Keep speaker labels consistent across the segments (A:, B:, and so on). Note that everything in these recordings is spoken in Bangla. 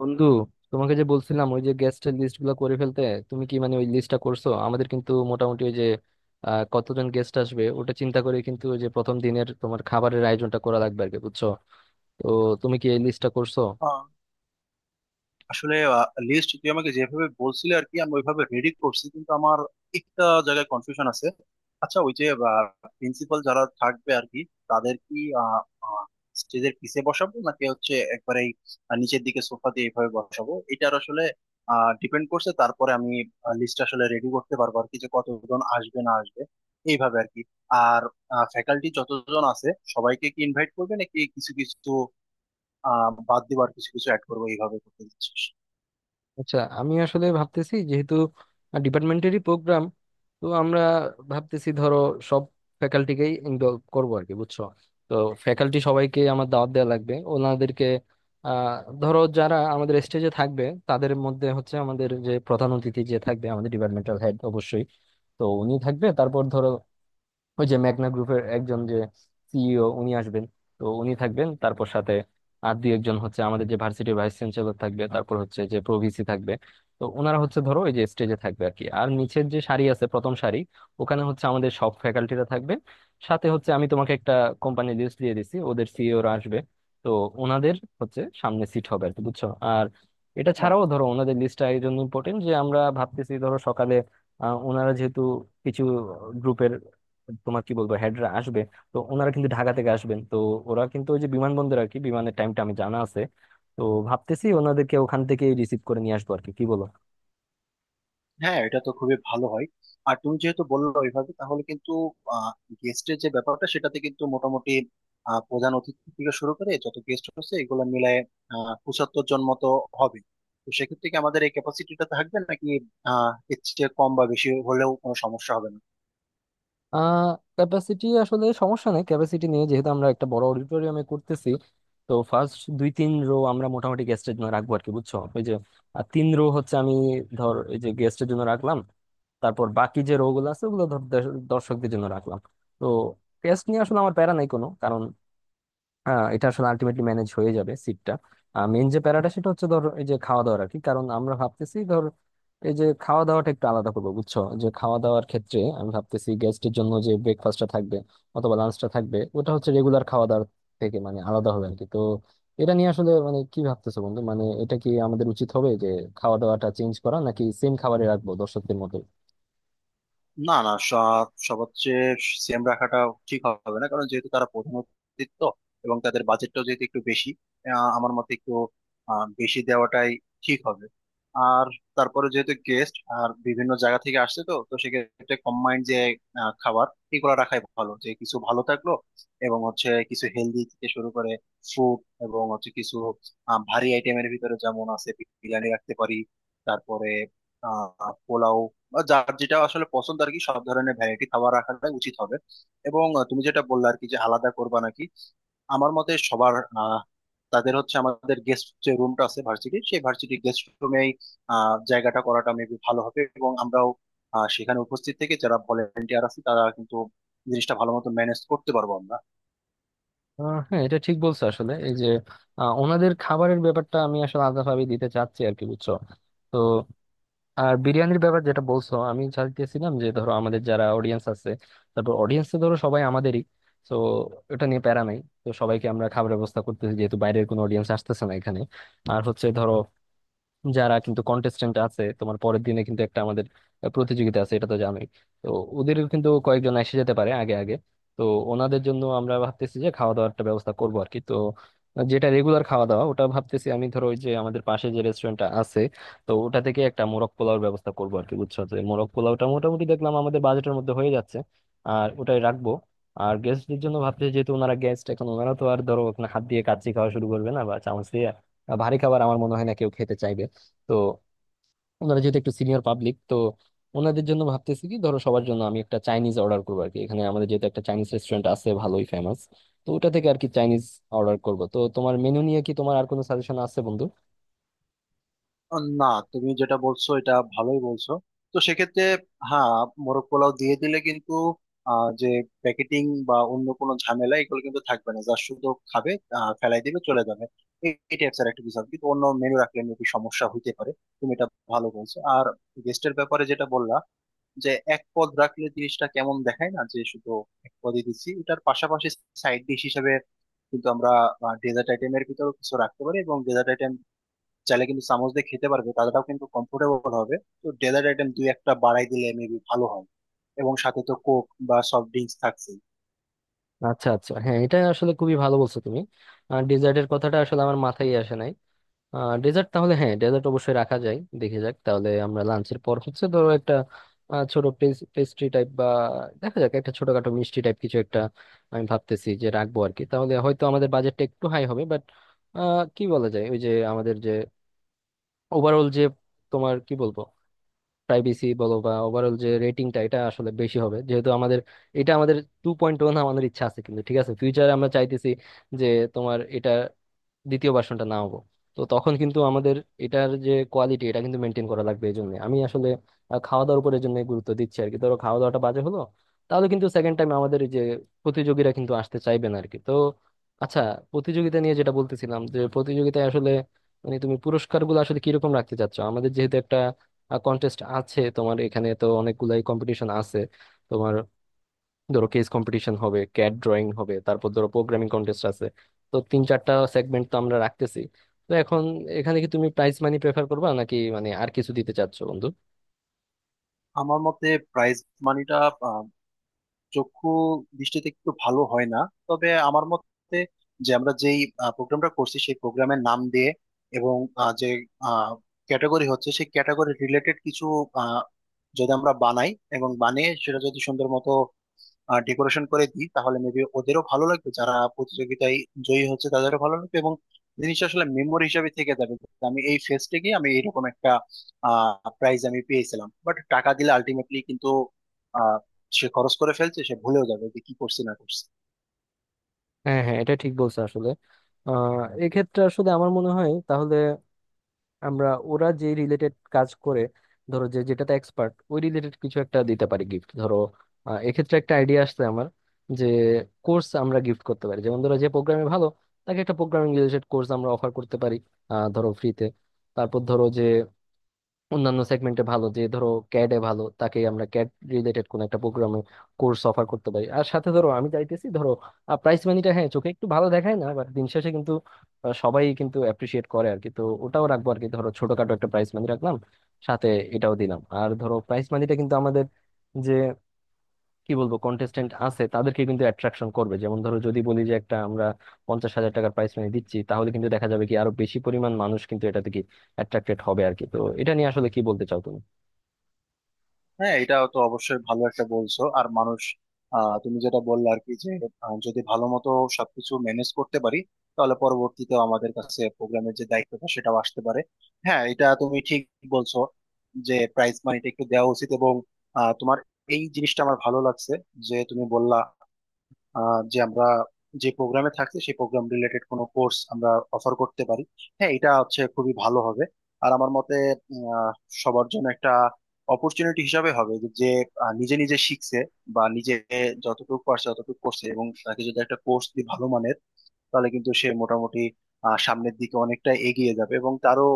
A: বন্ধু, তোমাকে যে বলছিলাম ওই যে গেস্টের লিস্ট গুলো করে ফেলতে, তুমি কি মানে ওই লিস্টটা করছো? আমাদের কিন্তু মোটামুটি ওই যে কতজন গেস্ট আসবে ওটা চিন্তা করে কিন্তু ওই যে প্রথম দিনের তোমার খাবারের আয়োজনটা করা লাগবে আর কি, বুঝছো? তো তুমি কি এই লিস্টটা করছো?
B: আহ, আসলে লিস্ট তুই আমাকে যেভাবে বলছিলে আর কি আমি ওইভাবে রেডি করছি, কিন্তু আমার একটা জায়গায় কনফিউশন আছে। আচ্ছা, ওই যে প্রিন্সিপাল যারা থাকবে আর কি, তাদের কি স্টেজের পিছে বসাবো নাকি হচ্ছে একবারেই নিচের দিকে সোফা দিয়ে এইভাবে বসাবো? এটার আসলে ডিপেন্ড করছে। তারপরে আমি লিস্ট আসলে রেডি করতে পারবো আর কি, যে কতজন আসবে না আসবে এইভাবে আর কি। আর ফ্যাকাল্টি যতজন আছে সবাইকে কি ইনভাইট করবে, নাকি কিছু কিছু বাদ দিবার, কিছু কিছু অ্যাড করবো এইভাবে করতে দিচ্ছিস?
A: আচ্ছা, আমি আসলে ভাবতেছি যেহেতু ডিপার্টমেন্টেরই প্রোগ্রাম, তো আমরা ভাবতেছি ধরো সব ফ্যাকাল্টিকেই ইনভলভ করবো আর কি, বুঝছো? তো ফ্যাকাল্টি সবাইকে আমার দাওয়াত দেওয়া লাগবে ওনাদেরকে। আহ ধরো যারা আমাদের স্টেজে থাকবে, তাদের মধ্যে হচ্ছে আমাদের যে প্রধান অতিথি যে থাকবে আমাদের ডিপার্টমেন্টাল হেড অবশ্যই। তো উনি থাকবে, তারপর ধরো ওই যে মেঘনা গ্রুপের একজন যে সিইও, উনি আসবেন। তো উনি থাকবেন, তারপর সাথে আর দুই একজন হচ্ছে আমাদের যে ভার্সিটির ভাইস চ্যান্সেলর থাকবে, তারপর হচ্ছে যে প্রভিসি থাকবে। তো ওনারা হচ্ছে ধরো ওই যে স্টেজে থাকবে আর কি। আর নিচের যে সারি আছে, প্রথম সারি, ওখানে হচ্ছে আমাদের সব ফ্যাকাল্টিরা থাকবে। সাথে হচ্ছে আমি তোমাকে একটা কোম্পানি লিস্ট দিয়ে দিছি, ওদের সিইওরা আসবে। তো ওনাদের হচ্ছে সামনে সিট হবে আর কি, বুঝছো? আর এটা ছাড়াও
B: ও,
A: ধরো ওনাদের লিস্টটা এই জন্য ইম্পর্টেন্ট যে, আমরা ভাবতেছি ধরো সকালে ওনারা যেহেতু কিছু গ্রুপের তোমার কি বলবো হেডরা আসবে। তো ওনারা কিন্তু ঢাকা থেকে আসবেন, তো ওরা কিন্তু ওই যে বিমানবন্দর আর কি, বিমানের টাইমটা আমি জানা আছে। তো ভাবতেছি ওনাদেরকে ওখান থেকে রিসিভ করে নিয়ে আসবো আর কি, কি বলো?
B: হ্যাঁ এটা তো খুবই ভালো হয়। আর তুমি যেহেতু বললো ওইভাবে, তাহলে কিন্তু গেস্টের যে ব্যাপারটা সেটাতে কিন্তু মোটামুটি প্রধান অতিথি থেকে শুরু করে যত গেস্ট হচ্ছে, এগুলো মিলায় 75 জন মতো হবে। তো সেক্ষেত্রে কি আমাদের এই ক্যাপাসিটিটা থাকবে, নাকি এর চেয়ে কম বা বেশি হলেও কোনো সমস্যা হবে না?
A: আহ ক্যাপাসিটি আসলে সমস্যা নেই, ক্যাপাসিটি নিয়ে, যেহেতু আমরা একটা বড় অডিটোরিয়ামে করতেছি। তো ফার্স্ট 2-3 রো আমরা মোটামুটি গেস্টের জন্য রাখবো আর কি, বুঝছো? ওই যে 3 রো হচ্ছে আমি ধর এই যে গেস্টের জন্য রাখলাম, তারপর বাকি যে রো গুলো আছে ওগুলো ধর দর্শকদের জন্য রাখলাম। তো গেস্ট নিয়ে আসলে আমার প্যারা নাই কোনো, কারণ এটা আসলে আলটিমেটলি ম্যানেজ হয়ে যাবে সিটটা। মেন যে প্যারাটা সেটা হচ্ছে ধর এই যে খাওয়া দাওয়ার আর কি, কারণ আমরা ভাবতেছি ধর এই যে খাওয়া দাওয়াটা একটু আলাদা করবো, বুঝছো? যে খাওয়া দাওয়ার ক্ষেত্রে আমি ভাবতেছি গেস্টের জন্য যে ব্রেকফাস্টটা থাকবে অথবা লাঞ্চটা থাকবে, ওটা হচ্ছে রেগুলার খাওয়া দাওয়ার থেকে মানে আলাদা হবে আর কি। তো এটা নিয়ে আসলে মানে কি ভাবতেছো বন্ধু, মানে এটা কি আমাদের উচিত হবে যে খাওয়া দাওয়াটা চেঞ্জ করা, নাকি সেম খাবারে রাখবো দর্শকদের মতো?
B: না, না, সবার চেয়ে সেম রাখাটা ঠিক হবে না, কারণ যেহেতু তারা প্রধান অতিথি, তো এবং তাদের বাজেটটাও যেহেতু একটু বেশি, আমার মতে একটু বেশি দেওয়াটাই ঠিক হবে। আর তারপরে যেহেতু গেস্ট আর বিভিন্ন জায়গা থেকে আসছে, তো তো সেক্ষেত্রে কম্বাইন্ড যে খাবার এগুলো রাখাই ভালো, যে কিছু ভালো থাকলো এবং হচ্ছে কিছু হেলদি থেকে শুরু করে ফ্রুট, এবং হচ্ছে কিছু ভারী আইটেমের ভিতরে যেমন আছে বিরিয়ানি রাখতে পারি, তারপরে পোলাও বা যার যেটা আসলে পছন্দ আর কি, সব ধরনের ভ্যারাইটি খাবার রাখাটাই উচিত হবে। এবং তুমি যেটা বললে আর কি, যে আলাদা করবা নাকি, আমার মতে সবার আহ, তাদের হচ্ছে আমাদের গেস্ট যে রুমটা আছে ভার্সিটি, সেই ভার্সিটি গেস্ট রুমেই জায়গাটা করাটা মেবি ভালো হবে, এবং আমরাও সেখানে উপস্থিত থেকে যারা ভলেন্টিয়ার আছে তারা কিন্তু জিনিসটা ভালো মতো ম্যানেজ করতে পারবো আমরা।
A: হ্যাঁ, এটা ঠিক বলছো আসলে। এই যে ওনাদের খাবারের ব্যাপারটা আমি আসলে আলাদাভাবে দিতে চাচ্ছি আর কি, বুঝছো? তো আর বিরিয়ানির ব্যাপার যেটা বলছো, আমি চাইতেছিলাম যে ধরো আমাদের যারা অডিয়েন্স আছে, তারপর অডিয়েন্স তো ধরো সবাই আমাদেরই। তো এটা নিয়ে প্যারা নাই। তো সবাইকে আমরা খাবারের ব্যবস্থা করতেছি, যেহেতু বাইরের কোনো অডিয়েন্স আসতেছে না এখানে। আর হচ্ছে ধরো যারা কিন্তু কন্টেস্টেন্ট আছে, তোমার পরের দিনে কিন্তু একটা আমাদের প্রতিযোগিতা আছে, এটা তো জানোই। তো ওদের কিন্তু কয়েকজন এসে যেতে পারে আগে আগে। তো ওনাদের জন্য আমরা ভাবতেছি যে খাওয়া দাওয়ার একটা ব্যবস্থা করবো আর কি। তো যেটা রেগুলার খাওয়া দাওয়া ওটা ভাবতেছি আমি, ধরো ওই যে আমাদের পাশে যে রেস্টুরেন্টটা আছে, তো ওটা থেকে একটা মোরগ পোলাওর ব্যবস্থা করবো আর কি, বুঝছো? তো এই মোরগ পোলাওটা মোটামুটি দেখলাম আমাদের বাজেটের মধ্যে হয়ে যাচ্ছে, আর ওটাই রাখবো। আর গেস্টদের জন্য ভাবতেছি, যেহেতু ওনারা গেস্ট, এখন ওনারা তো আর ধরো এখন হাত দিয়ে কাচ্চি খাওয়া শুরু করবে না বা চামচ দিয়ে ভারী খাবার, আমার মনে হয় না কেউ খেতে চাইবে। তো ওনারা যেহেতু একটু সিনিয়র পাবলিক, তো ওনাদের জন্য ভাবতেছি কি ধরো সবার জন্য আমি একটা চাইনিজ অর্ডার করবো আর কি। এখানে আমাদের যেহেতু একটা চাইনিজ রেস্টুরেন্ট আছে ভালোই ফেমাস, তো ওটা থেকে আর কি চাইনিজ অর্ডার করব। তো তোমার মেনু নিয়ে কি তোমার আর কোনো সাজেশন আছে বন্ধু?
B: না, তুমি যেটা বলছো এটা ভালোই বলছো। তো সেক্ষেত্রে হ্যাঁ, মোরগ পোলাও দিয়ে দিলে কিন্তু যে প্যাকেটিং বা অন্য কোনো ঝামেলা এগুলো কিন্তু থাকবে না, যা শুধু খাবে ফেলাই দিবে চলে যাবে, এই টাইপস একটা কিছু হবে। কিন্তু অন্য মেনু রাখলে মেবি সমস্যা হইতে পারে। তুমি এটা ভালো বলছো। আর গেস্টের ব্যাপারে যেটা বললা, যে এক পদ রাখলে জিনিসটা কেমন দেখায় না, যে শুধু এক পদই দিচ্ছি, এটার পাশাপাশি সাইড ডিশ হিসেবে কিন্তু আমরা ডেজার্ট আইটেমের ভিতরে কিছু রাখতে পারি, এবং ডেজার্ট চাইলে কিন্তু চামচ দিয়ে খেতে পারবে, তাদেরটাও কিন্তু কমফোর্টেবল হবে। তো ডেজার্ট আইটেম দুই একটা বাড়াই দিলে মেবি ভালো হয়, এবং সাথে তো কোক বা সফট ড্রিঙ্কস থাকছে।
A: আচ্ছা আচ্ছা, হ্যাঁ, এটা আসলে খুবই ভালো বলছো তুমি। আর ডেজার্টের কথাটা আসলে আমার মাথায় আসে নাই। ডেজার্ট তাহলে, হ্যাঁ, ডেজার্ট অবশ্যই রাখা যায়। দেখে যাক তাহলে আমরা লাঞ্চের পর হচ্ছে ধরো একটা ছোট পেস্ট্রি টাইপ বা দেখা যাক একটা ছোটখাটো মিষ্টি টাইপ কিছু একটা আমি ভাবতেছি যে রাখবো আর কি। তাহলে হয়তো আমাদের বাজেটটা একটু হাই হবে, বাট কি বলা যায় ওই যে আমাদের যে ওভারঅল যে তোমার কি বলবো প্রাইভেসি বলো বা ওভারঅল যে রেটিংটা, এটা আসলে বেশি হবে যেহেতু আমাদের এটা আমাদের 2.1 আমাদের ইচ্ছা আছে। কিন্তু ঠিক আছে, ফিউচারে আমরা চাইতেছি যে তোমার এটা দ্বিতীয় ভার্সনটা না হবো। তো তখন কিন্তু আমাদের এটার যে কোয়ালিটি, এটা কিন্তু মেনটেন করা লাগবে। এই জন্য আমি আসলে খাওয়া দাওয়ার উপর এই জন্য গুরুত্ব দিচ্ছি আর কি। ধরো খাওয়া দাওয়াটা বাজে হলো, তাহলে কিন্তু সেকেন্ড টাইম আমাদের এই যে প্রতিযোগীরা কিন্তু আসতে চাইবে না আর কি। তো আচ্ছা, প্রতিযোগিতা নিয়ে যেটা বলতেছিলাম যে প্রতিযোগিতায় আসলে মানে তুমি পুরস্কার গুলো আসলে কিরকম রাখতে চাচ্ছ? আমাদের যেহেতু একটা কন্টেস্ট আছে তোমার, এখানে তো অনেকগুলাই কম্পিটিশন আছে তোমার। ধরো কেস কম্পিটিশন হবে, ক্যাড ড্রয়িং হবে, তারপর ধরো প্রোগ্রামিং কন্টেস্ট আছে। তো 3-4টা সেগমেন্ট তো আমরা রাখতেছি। তো এখন এখানে কি তুমি প্রাইজ মানি প্রেফার করবা নাকি মানে আর কিছু দিতে চাচ্ছো বন্ধু?
B: আমার মতে প্রাইস মানিটা আহ, চক্ষু দৃষ্টিতে একটু ভালো হয় না। তবে আমার মতে, যে আমরা যেই প্রোগ্রামটা করছি সেই প্রোগ্রামের নাম দিয়ে, এবং যে ক্যাটাগরি হচ্ছে সেই ক্যাটাগরি রিলেটেড কিছু আহ, যদি আমরা বানাই, এবং বানিয়ে সেটা যদি সুন্দর মতো ডেকোরেশন করে দিই, তাহলে মেবি ওদেরও ভালো লাগবে, যারা প্রতিযোগিতায় জয়ী হচ্ছে তাদেরও ভালো লাগবে, এবং জিনিসটা আসলে মেমোরি হিসাবে থেকে যাবে, যে আমি এই ফেস্টে গিয়ে আমি এরকম একটা প্রাইজ আমি পেয়েছিলাম। বাট টাকা দিলে আলটিমেটলি কিন্তু আহ সে খরচ করে ফেলছে, সে ভুলেও যাবে যে কি করছি না করছি।
A: হ্যাঁ হ্যাঁ, এটা ঠিক বলছো আসলে। আহ এক্ষেত্রে আসলে আমার মনে হয় তাহলে আমরা ওরা যে রিলেটেড কাজ করে, ধরো যে যেটাতে এক্সপার্ট, ওই রিলেটেড কিছু একটা দিতে পারি গিফট, ধরো। এক্ষেত্রে একটা আইডিয়া আসছে আমার, যে কোর্স আমরা গিফট করতে পারি। যেমন ধরো যে প্রোগ্রামে ভালো, তাকে একটা প্রোগ্রামিং রিলেটেড কোর্স আমরা অফার করতে পারি, ধরো ফ্রিতে। তারপর ধরো যে অন্যান্য সেগমেন্টে ভালো, যে ধরো ক্যাডে ভালো, তাকে আমরা ক্যাড রিলেটেড কোন একটা প্রোগ্রামে কোর্স অফার করতে পারি। আর সাথে ধরো আমি চাইতেছি, ধরো প্রাইস মানিটা হ্যাঁ চোখে একটু ভালো দেখায় না, বাট দিন শেষে কিন্তু সবাই কিন্তু অ্যাপ্রিসিয়েট করে আর কি। তো ওটাও রাখবো আর কি, ধরো ছোটখাটো একটা প্রাইস মানি রাখলাম সাথে, এটাও দিলাম। আর ধরো প্রাইস মানিটা কিন্তু আমাদের যে কি বলবো কন্টেস্টেন্ট আছে তাদেরকে কিন্তু অ্যাট্রাকশন করবে। যেমন ধরো যদি বলি যে একটা আমরা 50,000 টাকার প্রাইস মানি দিচ্ছি, তাহলে কিন্তু দেখা যাবে কি আরো বেশি পরিমাণ মানুষ কিন্তু এটাতে কি অ্যাট্রাক্টেড হবে আর কি। তো এটা নিয়ে আসলে কি বলতে চাও তুমি?
B: হ্যাঁ, এটা তো অবশ্যই ভালো একটা বলছো। আর মানুষ তুমি যেটা বললে আর কি, যে যদি ভালো মতো সবকিছু ম্যানেজ করতে পারি, তাহলে পরবর্তীতে আমাদের কাছে প্রোগ্রামের যে দায়িত্বটা সেটাও আসতে পারে। হ্যাঁ, এটা তুমি ঠিক বলছো, যে প্রাইজ মানিটা একটু দেওয়া উচিত। এবং তোমার এই জিনিসটা আমার ভালো লাগছে, যে তুমি বললা যে আমরা যে প্রোগ্রামে থাকছি সেই প্রোগ্রাম রিলেটেড কোনো কোর্স আমরা অফার করতে পারি। হ্যাঁ, এটা হচ্ছে খুবই ভালো হবে। আর আমার মতে উম, আহ, সবার জন্য একটা অপরচুনিটি হিসাবে হবে যে, নিজে নিজে শিখছে বা নিজে যতটুকু পারছে ততটুকু করছে, এবং তাকে যদি একটা কোর্স দিই ভালো মানের, তাহলে কিন্তু সে মোটামুটি সামনের দিকে অনেকটা এগিয়ে যাবে, এবং তারও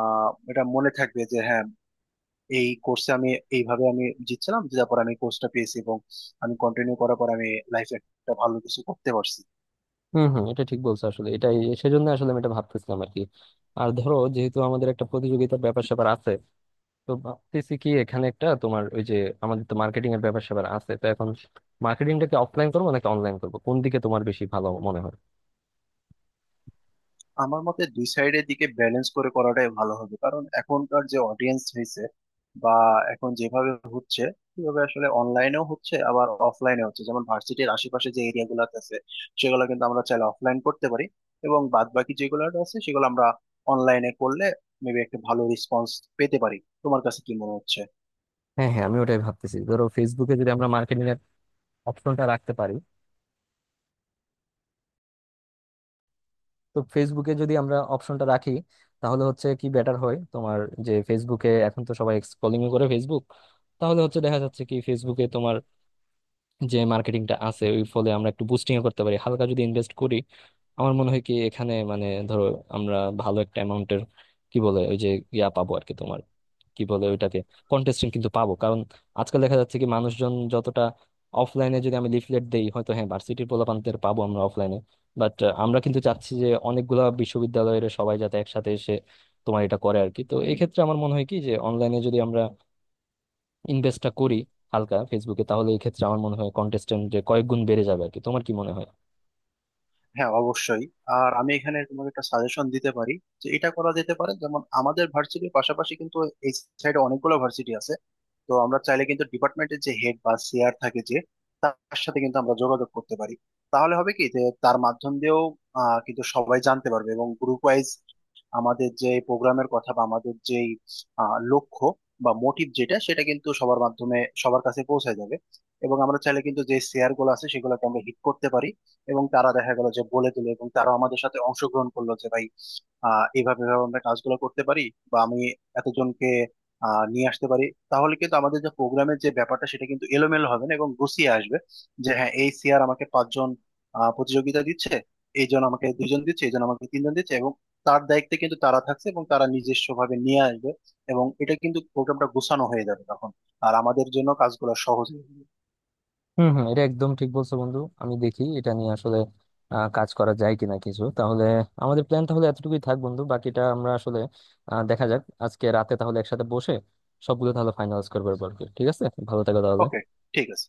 B: এটা মনে থাকবে যে হ্যাঁ, এই কোর্সে আমি এইভাবে আমি জিতছিলাম, জেতার পর আমি কোর্সটা পেয়েছি, এবং আমি কন্টিনিউ করার পর আমি লাইফে একটা ভালো কিছু করতে পারছি।
A: হম হম, এটা ঠিক বলছো আসলে, এটাই সেজন্য আসলে আমি এটা ভাবতেছিলাম আর কি। আর ধরো যেহেতু আমাদের একটা প্রতিযোগিতার ব্যাপার স্যাপার আছে, তো ভাবতেছি কি এখানে একটা তোমার ওই যে আমাদের তো মার্কেটিং এর ব্যাপার স্যাপার আছে, তো এখন মার্কেটিংটাকে অফলাইন করবো নাকি অনলাইন করবো, কোন দিকে তোমার বেশি ভালো মনে হয়?
B: আমার মতে দুই সাইডের দিকে ব্যালেন্স করে করাটাই ভালো হবে, কারণ এখনকার যে অডিয়েন্স হয়েছে বা এখন যেভাবে হচ্ছে, সেভাবে আসলে অনলাইনেও হচ্ছে আবার অফলাইনে হচ্ছে। যেমন ভার্সিটির আশেপাশে যে এরিয়া গুলো আছে সেগুলো কিন্তু আমরা চাইলে অফলাইন করতে পারি, এবং বাদ বাকি যেগুলো আছে সেগুলো আমরা অনলাইনে করলে মেবি একটা ভালো রেসপন্স পেতে পারি। তোমার কাছে কি মনে হচ্ছে?
A: হ্যাঁ হ্যাঁ, আমি ওটাই ভাবতেছি, ধরো ফেসবুকে যদি আমরা মার্কেটিং অপশনটা রাখতে পারি। তো ফেসবুকে যদি আমরা অপশনটা রাখি, তাহলে হচ্ছে কি বেটার হয় তোমার। যে ফেসবুকে এখন তো সবাই স্ক্রলিং করে ফেসবুক, তাহলে হচ্ছে দেখা যাচ্ছে কি ফেসবুকে তোমার যে মার্কেটিংটা আছে ওই ফলে আমরা একটু বুস্টিং করতে পারি হালকা যদি ইনভেস্ট করি। আমার মনে হয় কি এখানে মানে ধরো আমরা ভালো একটা অ্যামাউন্টের কি বলে ওই যে ইয়া পাবো আর কি তোমার, কি বলে ওইটাকে, কন্টেস্টেন্ট কিন্তু পাবো। কারণ আজকাল দেখা যাচ্ছে কি মানুষজন যতটা অফলাইনে যদি আমি লিফলেট দেই, হয়তো হ্যাঁ ভার্সিটির পোলাপানদের পাবো আমরা অফলাইনে, বাট আমরা কিন্তু চাচ্ছি যে অনেকগুলা বিশ্ববিদ্যালয়ের সবাই যাতে একসাথে এসে তোমার এটা করে আর কি। তো এই ক্ষেত্রে আমার মনে হয় কি যে অনলাইনে যদি আমরা ইনভেস্টটা করি হালকা ফেসবুকে, তাহলে এই ক্ষেত্রে আমার মনে হয় কন্টেস্টেন্ট যে কয়েক গুণ বেড়ে যাবে আর কি। তোমার কি মনে হয়?
B: হ্যাঁ, অবশ্যই। আর আমি এখানে তোমাকে একটা সাজেশন দিতে পারি, যে এটা করা যেতে পারে। যেমন আমাদের ভার্সিটির পাশাপাশি কিন্তু এই সাইডে অনেকগুলো ভার্সিটি আছে, তো আমরা চাইলে কিন্তু ডিপার্টমেন্টের যে হেড বা সিআর থাকে, যে তার সাথে কিন্তু আমরা যোগাযোগ করতে পারি। তাহলে হবে কি, যে তার মাধ্যম দিয়েও কিন্তু সবাই জানতে পারবে, এবং গ্রুপ ওয়াইজ আমাদের যে প্রোগ্রামের কথা বা আমাদের যে লক্ষ্য বা মোটিভ যেটা, সেটা কিন্তু সবার মাধ্যমে সবার কাছে পৌঁছে যাবে। এবং আমরা চাইলে কিন্তু যে শেয়ার গুলো আছে সেগুলোকে আমরা হিট করতে পারি, এবং তারা দেখা গেল যে বলে দিল এবং তারা আমাদের সাথে অংশগ্রহণ করলো, যে ভাই আহ এইভাবে এভাবে আমরা কাজগুলো করতে পারি, বা আমি এতজনকে নিয়ে আসতে পারি। তাহলে কিন্তু আমাদের যে প্রোগ্রামের যে ব্যাপারটা সেটা কিন্তু এলোমেলো হবে না এবং গুছিয়ে আসবে, যে হ্যাঁ, এই সিআর আমাকে 5 জন প্রতিযোগিতা দিচ্ছে, এইজন আমাকে 2 জন দিচ্ছে, এইজন আমাকে 3 জন দিচ্ছে, এবং তার দায়িত্বে কিন্তু তারা থাকছে এবং তারা নিজস্ব ভাবে নিয়ে আসবে, এবং এটা কিন্তু প্রোগ্রামটা গোছানো হয়ে যাবে তখন। আর আমাদের জন্য কাজগুলো সহজ হবে।
A: হম হম, এটা একদম ঠিক বলছো বন্ধু। আমি দেখি এটা নিয়ে আসলে কাজ করা যায় কিনা কিছু। তাহলে আমাদের প্ল্যান তাহলে এতটুকুই থাক বন্ধু, বাকিটা আমরা আসলে দেখা যাক আজকে রাতে তাহলে একসাথে বসে সবগুলো তাহলে ফাইনালাইজ করবো এরপর কি। ঠিক আছে, ভালো থাকো
B: ওকে,
A: তাহলে।
B: ঠিক আছে।